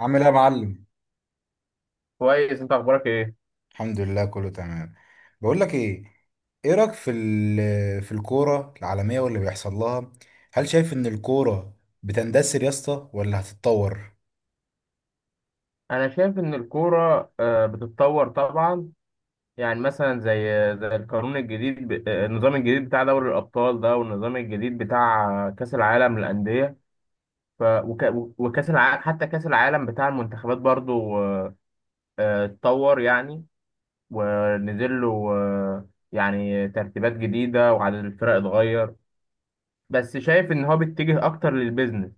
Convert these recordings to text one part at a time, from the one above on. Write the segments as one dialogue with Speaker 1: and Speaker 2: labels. Speaker 1: عامل ايه يا معلم؟
Speaker 2: كويس، انت اخبارك ايه؟
Speaker 1: الحمد لله، كله تمام. بقول لك ايه، ايه رايك في في الكوره العالميه واللي بيحصل لها؟ هل شايف ان الكوره بتندثر يا اسطى ولا هتتطور؟
Speaker 2: انا شايف ان الكوره بتتطور طبعا. يعني مثلا زي القانون الجديد، النظام الجديد بتاع دوري الابطال ده، والنظام الجديد بتاع كاس العالم للانديه. ف وك... وكاس العالم، حتى كاس العالم بتاع المنتخبات برضو اتطور يعني، ونزل له يعني ترتيبات جديده، وعدد الفرق اتغير، بس شايف ان هو بيتجه اكتر للبيزنس.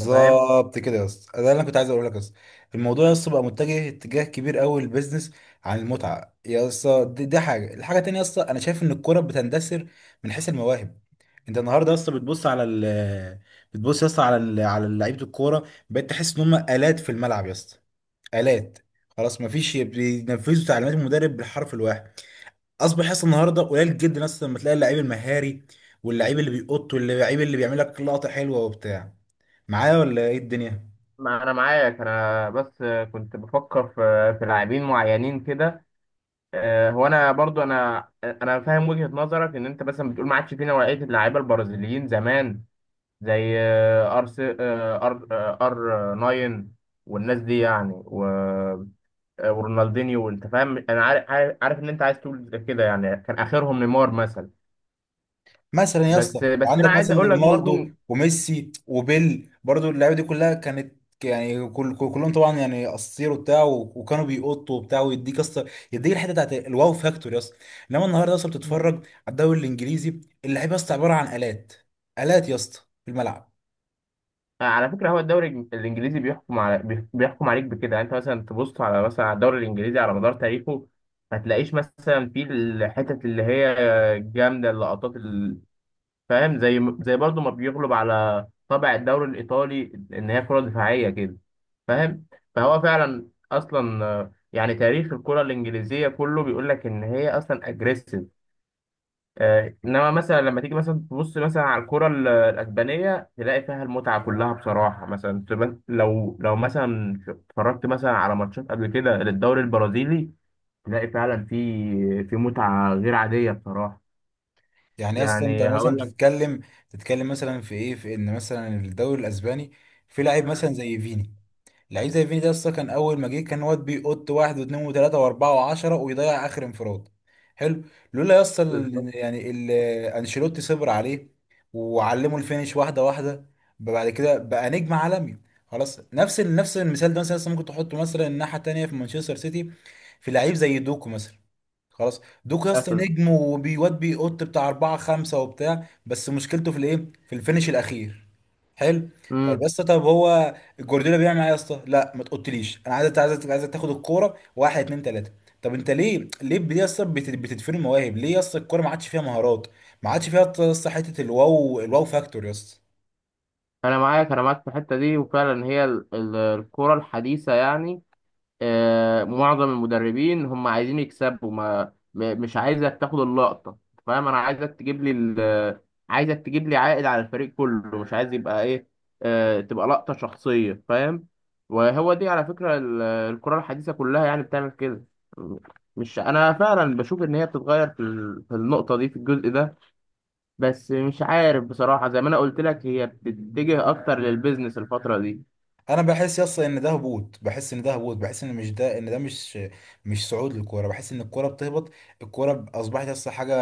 Speaker 2: انت فاهم؟
Speaker 1: كده يا اسطى، ده اللي انا كنت عايز اقول لك يا اسطى. الموضوع يا اسطى بقى متجه اتجاه كبير قوي للبيزنس عن المتعه يا اسطى. دي حاجه، الحاجه التانيه يا اسطى انا شايف ان الكوره بتندثر من حيث المواهب. انت النهارده يا اسطى بتبص يا اسطى على لعيبه الكوره، بقيت تحس ان هم آلات في الملعب يا اسطى، آلات. خلاص مفيش، بينفذوا تعليمات المدرب بالحرف الواحد. اصبح يحصل النهارده قليل جدا، اصلا لما تلاقي اللعيب المهاري، واللعيب اللي بيقط، واللعيب اللي بيعمل لك لقطه حلوه وبتاع، معايا ولا ايه الدنيا؟
Speaker 2: ما انا معاك، انا بس كنت بفكر في لاعبين معينين كده. هو انا برضو، انا فاهم وجهة نظرك، ان انت مثلا بتقول ما عادش في نوعية اللعيبة البرازيليين زمان، زي آه، ار س- آه، ار آه، ار 9 والناس دي، يعني ورونالدينيو، وانت فاهم، انا عارف ان انت عايز تقول كده، يعني كان اخرهم نيمار مثلا.
Speaker 1: مثلا يا اسطى
Speaker 2: بس انا
Speaker 1: عندك
Speaker 2: عايز
Speaker 1: مثلا
Speaker 2: اقول لك برضو،
Speaker 1: رونالدو وميسي وبيل، برضو اللعيبه دي كلها كانت، يعني كلهم طبعا يعني اساطير وبتاع وكانوا بيقطوا وبتاع، ويديك يا اسطى، يديك الحته بتاعت الواو فاكتور يا اسطى. انما النهارده يا اسطى بتتفرج على الدوري الانجليزي، اللعيبه يا اسطى عباره عن الات، الات يا اسطى، في الملعب.
Speaker 2: على فكرة، هو الدوري الإنجليزي بيحكم على بيحكم عليك بكده. يعني أنت مثلا تبص على مثلا على الدوري الإنجليزي على مدار تاريخه، ما تلاقيش مثلا فيه الحتت اللي هي جامدة، اللقطات فاهم؟ زي برضه ما بيغلب على طابع الدوري الإيطالي، إن هي كرة دفاعية كده، فاهم؟ فهو فعلا أصلا يعني تاريخ الكرة الإنجليزية كله بيقول لك إن هي أصلا أجريسيف. انما مثلا لما تيجي مثلا تبص مثلا على الكرة الاسبانيه، تلاقي فيها المتعه كلها بصراحه. مثلا لو مثلا اتفرجت مثلا على ماتشات قبل كده للدوري البرازيلي، تلاقي فعلا في متعه غير عاديه بصراحه.
Speaker 1: يعني يا اسطى انت
Speaker 2: يعني
Speaker 1: مثلا
Speaker 2: هقول لك
Speaker 1: بتتكلم مثلا في ايه، في ان مثلا الدوري الاسباني في لاعب مثلا زي فيني. لعيب زي فيني ده اصلا كان اول ما جه كان واد بيقط واحد واثنين وثلاثه واربعه وعشره، ويضيع اخر انفراد. حلو. لولا يا اسطى انشيلوتي صبر عليه وعلمه الفينش واحده واحده، بعد كده بقى نجم عالمي. خلاص، نفس المثال ده مثلا لسه ممكن تحطه مثلا الناحيه التانيه في مانشستر سيتي، في لعيب زي دوكو مثلا. خلاص، دوك يا اسطى
Speaker 2: مثلا،
Speaker 1: نجم، وبيواد بيقط بتاع أربعة خمسة وبتاع، بس مشكلته في الإيه؟ في الفينش الأخير. حلو. طيب
Speaker 2: امم
Speaker 1: يا اسطى، طب هو جوارديولا بيعمل إيه يا اسطى؟ لا ما تقوليش، أنا عايزك تاخد الكورة واحد اتنين تلاتة. طب أنت ليه بتدفن المواهب؟ ليه يا اسطى الكورة ما عادش فيها مهارات؟ ما عادش فيها يا اسطى حتة الواو فاكتور يا اسطى.
Speaker 2: انا معاك. انا معاك في الحته دي، وفعلا هي الكرة الحديثه يعني، معظم المدربين هم عايزين يكسبوا، ما م- مش عايزك تاخد اللقطة، فاهم؟ انا عايزك تجيب لي عايزك تجيب لي عائد على الفريق كله، مش عايز يبقى ايه، تبقى لقطة شخصية، فاهم؟ وهو دي على فكرة الكرة الحديثة كلها يعني بتعمل كده، مش انا فعلا بشوف ان هي بتتغير في في النقطة دي، في الجزء ده. بس مش عارف بصراحة، زي ما انا قلت لك، هي بتتجه اكتر للبيزنس الفترة دي.
Speaker 1: انا بحس يس ان ده هبوط، بحس ان ده هبوط، بحس ان مش ده، ان ده، مش صعود للكوره، بحس ان الكوره بتهبط. الكوره اصبحت يس حاجه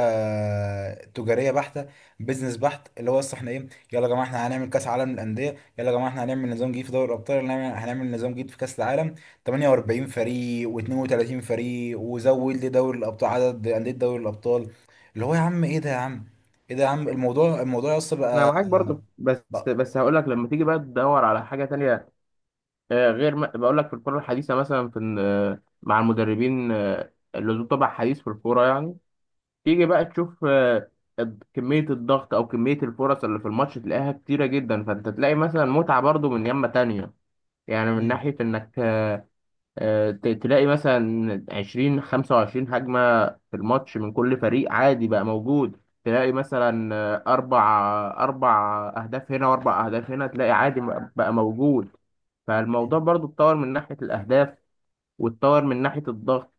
Speaker 1: تجاريه بحته، بيزنس بحت، اللي هو يس احنا ايه؟ يلا يا جماعه احنا هنعمل كاس عالم للانديه، يلا يا جماعه احنا هنعمل نظام جديد في دوري الابطال، يلا هنعمل نظام جديد في كاس العالم. 48 فريق و32 فريق، وزود لي دوري الابطال عدد انديه دوري الابطال. اللي هو يا عم، ايه ده يا عم، ايه ده يا عم؟ الموضوع يس
Speaker 2: انا
Speaker 1: بقى،
Speaker 2: معاك برضو، بس
Speaker 1: بقى-
Speaker 2: بس هقول لك لما تيجي بقى تدور على حاجه تانية غير ما بقول لك في الكره الحديثه، مثلا في إن، آه، مع المدربين اللي ذو طبع حديث في الكوره يعني، تيجي بقى تشوف كميه الضغط او كميه الفرص اللي في الماتش، تلاقيها كتيره جدا. فانت تلاقي مثلا متعه برضو من يمه تانية، يعني من ناحيه انك تلاقي مثلا 20 25 هجمة في الماتش من كل فريق، عادي بقى موجود. تلاقي مثلا أربع أهداف هنا، وأربع أهداف هنا، تلاقي عادي بقى موجود.
Speaker 1: مم.
Speaker 2: فالموضوع برضو اتطور من ناحية الأهداف، واتطور من ناحية الضغط،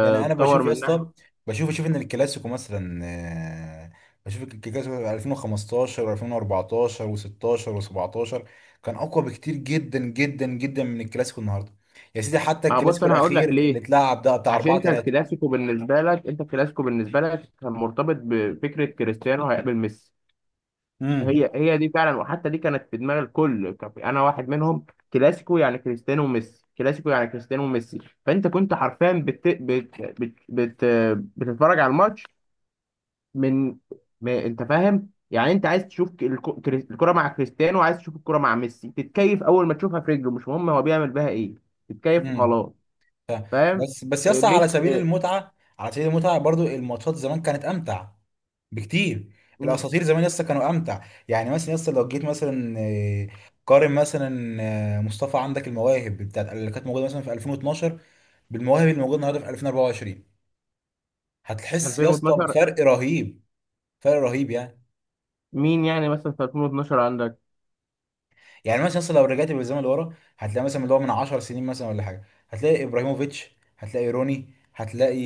Speaker 1: يعني انا بشوف يا
Speaker 2: من
Speaker 1: اسطى،
Speaker 2: ناحية.
Speaker 1: اشوف ان الكلاسيكو مثلا، بشوف الكلاسيكو 2015 و2014 و16 و17 كان اقوى بكتير جدا جدا جدا من الكلاسيكو النهارده. يا سيدي حتى
Speaker 2: ما هو بص،
Speaker 1: الكلاسيكو
Speaker 2: أنا هقول لك
Speaker 1: الاخير اللي
Speaker 2: ليه.
Speaker 1: اتلعب ده بتاع
Speaker 2: عشان
Speaker 1: 4
Speaker 2: أنت
Speaker 1: 3.
Speaker 2: الكلاسيكو بالنسبة لك، أنت الكلاسيكو بالنسبة لك كان مرتبط بفكرة كريستيانو هيقابل ميسي.
Speaker 1: امم
Speaker 2: هي هي دي فعلا، وحتى دي كانت في دماغ الكل، كان انا واحد منهم. كلاسيكو يعني كريستيانو وميسي، كلاسيكو يعني كريستيانو وميسي، فانت كنت حرفيا بتتفرج على الماتش من، ما انت فاهم يعني. انت عايز تشوف الكرة مع كريستيانو، وعايز تشوف الكرة مع ميسي، تتكيف اول ما تشوفها في رجله، مش مهم هو بيعمل بيها ايه، تتكيف
Speaker 1: امم
Speaker 2: وخلاص، فاهم؟
Speaker 1: بس بس
Speaker 2: إيه،
Speaker 1: يسطا على
Speaker 2: ميسي،
Speaker 1: سبيل
Speaker 2: إيه،
Speaker 1: المتعه، على سبيل المتعه برضو الماتشات زمان كانت امتع بكتير.
Speaker 2: مم،
Speaker 1: الاساطير زمان يسطا كانوا امتع. يعني مثلا يسطا لو جيت مثلا، قارن مثلا، مصطفى عندك المواهب بتاعت اللي كانت موجوده مثلا في 2012 بالمواهب اللي موجوده النهارده في 2024، هتحس يسطا
Speaker 2: 2012.
Speaker 1: بفرق رهيب، فرق رهيب يعني.
Speaker 2: مين يعني مثلا في 2012 عندك؟
Speaker 1: يعني مثلا اصلا لو رجعت بالزمن لورا هتلاقي مثلا اللي هو من 10 سنين مثلا ولا حاجه، هتلاقي ابراهيموفيتش، هتلاقي روني، هتلاقي،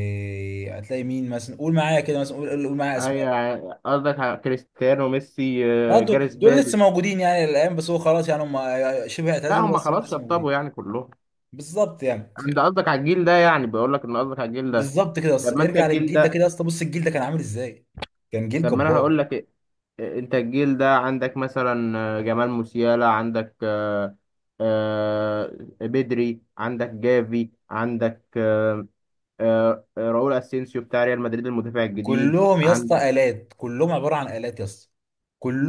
Speaker 1: هتلاقي مين مثلا؟ قول معايا كده مثلا، قول معايا اسماء.
Speaker 2: ايوه، قصدك على كريستيانو ميسي.
Speaker 1: دول
Speaker 2: جاريث
Speaker 1: دول
Speaker 2: بيل؟
Speaker 1: لسه موجودين يعني الايام، بس هو خلاص يعني هم، شبه
Speaker 2: لا،
Speaker 1: اعتزلوا،
Speaker 2: هم
Speaker 1: بس هم
Speaker 2: خلاص
Speaker 1: لسه موجودين.
Speaker 2: شطبوا يعني كلهم.
Speaker 1: بالظبط يعني،
Speaker 2: انت قصدك على الجيل ده يعني، بقول لك ان قصدك على الجيل ده.
Speaker 1: بالظبط كده
Speaker 2: طب ما
Speaker 1: اصلا
Speaker 2: انت
Speaker 1: ارجع
Speaker 2: الجيل
Speaker 1: للجيل ده،
Speaker 2: ده،
Speaker 1: كده اصلا بص الجيل ده كان عامل ازاي، كان جيل
Speaker 2: طب ما انا
Speaker 1: جبار.
Speaker 2: هقول لك إيه. إيه، انت الجيل ده عندك مثلا جمال موسيالا، عندك آه، بدري، عندك جافي، عندك راؤول اسينسيو بتاع ريال مدريد المدافع الجديد،
Speaker 1: كلهم يا
Speaker 2: عندك
Speaker 1: اسطى آلات، كلهم عبارة عن آلات يا اسطى،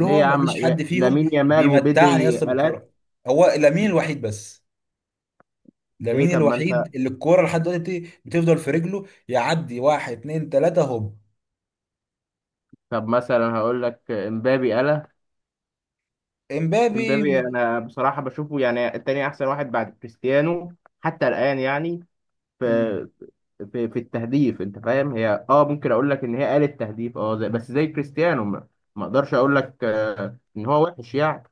Speaker 2: ليه يا عم
Speaker 1: مفيش حد فيهم
Speaker 2: لامين يامال
Speaker 1: بيمتعني يا
Speaker 2: وبدري
Speaker 1: اسطى
Speaker 2: الات؟
Speaker 1: بالكرة. هو لامين الوحيد بس،
Speaker 2: ليه؟
Speaker 1: لامين
Speaker 2: طب ما انت،
Speaker 1: الوحيد اللي الكرة لحد دلوقتي بتفضل في رجله، يعدي واحد اتنين تلاتة هوب.
Speaker 2: طب مثلا هقول لك امبابي. انا
Speaker 1: امبابي
Speaker 2: امبابي
Speaker 1: م-
Speaker 2: انا بصراحه بشوفه يعني التاني احسن واحد بعد كريستيانو حتى الان يعني،
Speaker 1: مم.
Speaker 2: في في, في, التهديف، انت فاهم؟ هي ممكن اقول لك ان هي قالت تهديف، زي، بس زي كريستيانو، ما ما اقدرش اقول لك ان هو وحش يعني.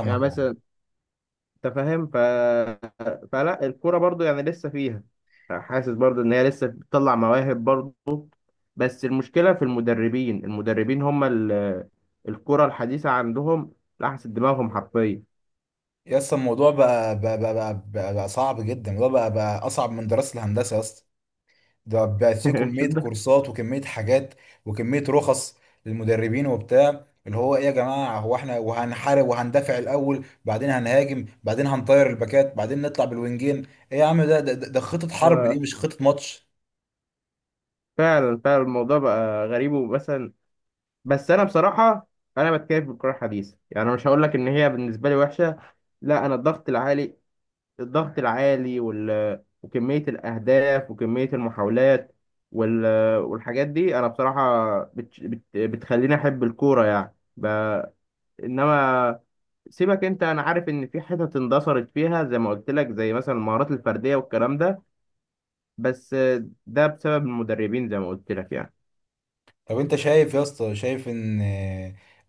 Speaker 2: يعني
Speaker 1: اه.
Speaker 2: مثلا، انت فاهم، فلا، الكوره برضو يعني لسه فيها، حاسس برضو ان هي لسه بتطلع مواهب برضو. بس المشكله في المدربين هم الكوره الحديثه عندهم لحست دماغهم حرفيا.
Speaker 1: يا اسطى الموضوع بقى صعب جدا، الموضوع بقى أصعب من دراسة الهندسة يا اسطى. ده بقت فيه كمية كورسات وكمية حاجات وكمية رخص للمدربين وبتاع، اللي هو ايه يا جماعة، هو احنا وهنحارب وهندافع الأول، بعدين هنهاجم، بعدين هنطير الباكات، بعدين نطلع بالوينجين؟ ايه يا عم، ده خطة حرب دي،
Speaker 2: آه،
Speaker 1: مش خطة ماتش.
Speaker 2: فعلا فعلا، الموضوع بقى غريب ومثلا، بس انا بصراحه انا بتكيف بالكره الحديثه يعني. أنا مش هقول لك ان هي بالنسبه لي وحشه، لا. انا الضغط العالي، الضغط العالي وكمية الأهداف وكمية المحاولات وال... والحاجات دي، أنا بصراحة بتخليني أحب الكورة يعني، إنما سيبك أنت، أنا عارف إن في حتت اندثرت فيها، زي ما قلت لك، زي مثلا المهارات الفردية والكلام ده، بس ده بسبب المدربين زي ما قلت لك يعني.
Speaker 1: طب انت شايف يا اسطى، شايف ان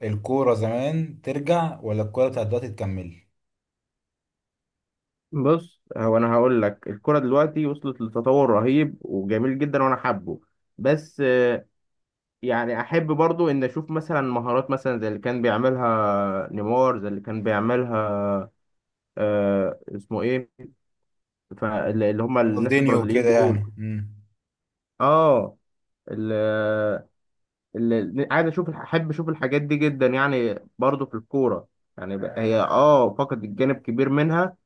Speaker 1: الكورة زمان ترجع ولا الكورة بتاعت دلوقتي تكمل؟
Speaker 2: بص، هو أنا هقول لك الكورة دلوقتي وصلت لتطور رهيب وجميل جدا، وأنا حابه، بس يعني احب برضو ان اشوف مثلا مهارات مثلا زي اللي كان بيعملها نيمار، زي اللي كان بيعملها، اسمه ايه، فاللي هم الناس
Speaker 1: رونالدينيو
Speaker 2: البرازيليين
Speaker 1: وكده
Speaker 2: دول.
Speaker 1: يعني.
Speaker 2: اه اللي, اللي عايز اشوف، احب اشوف الحاجات دي جدا يعني، برضو في الكورة، يعني هي فقد الجانب كبير منها.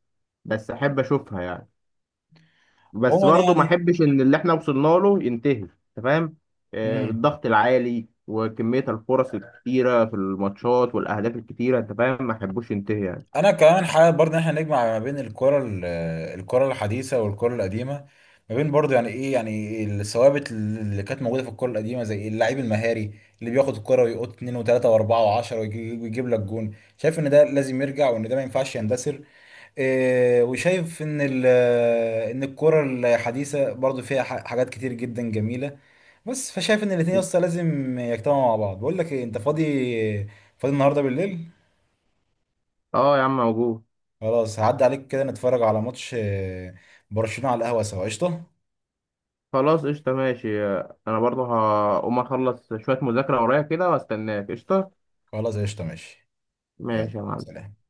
Speaker 2: بس احب اشوفها يعني، بس
Speaker 1: عموما
Speaker 2: برضه ما
Speaker 1: يعني.
Speaker 2: احبش ان اللي احنا وصلنا له ينتهي. انت فاهم،
Speaker 1: امم
Speaker 2: بالضغط العالي وكمية الفرص الكتيرة في الماتشات والاهداف الكتيرة، انت فاهم، ما احبوش ينتهي يعني.
Speaker 1: انا كمان حابب برضه ان احنا نجمع ما بين الكرة الحديثة والكرة القديمة، ما بين برضه يعني ايه، يعني الثوابت اللي كانت موجودة في الكرة القديمة، زي اللعيب المهاري اللي بياخد الكرة ويقط اتنين وتلاتة واربعة وعشرة ويجيب لك جون. شايف ان ده لازم يرجع، وان ده ما ينفعش يندثر. إيه، وشايف ان ان الكرة الحديثة برضه فيها حاجات كتير جدا جميلة، بس فشايف ان الاتنين يا اسطى لازم يجتمعوا مع بعض. بقول لك إيه، انت فاضي؟ فاضي النهارده بالليل؟
Speaker 2: اه يا عم، موجود.
Speaker 1: خلاص، هعدي عليك كده نتفرج على ماتش، برشلونة، على القهوة سوا، قشطة؟
Speaker 2: خلاص، قشطة، ماشي. انا برضه هقوم اخلص شوية مذاكرة ورايا كده واستناك، قشطة،
Speaker 1: خلاص، قشطة، ماشي. يلا
Speaker 2: ماشي يا معلم.
Speaker 1: سلام.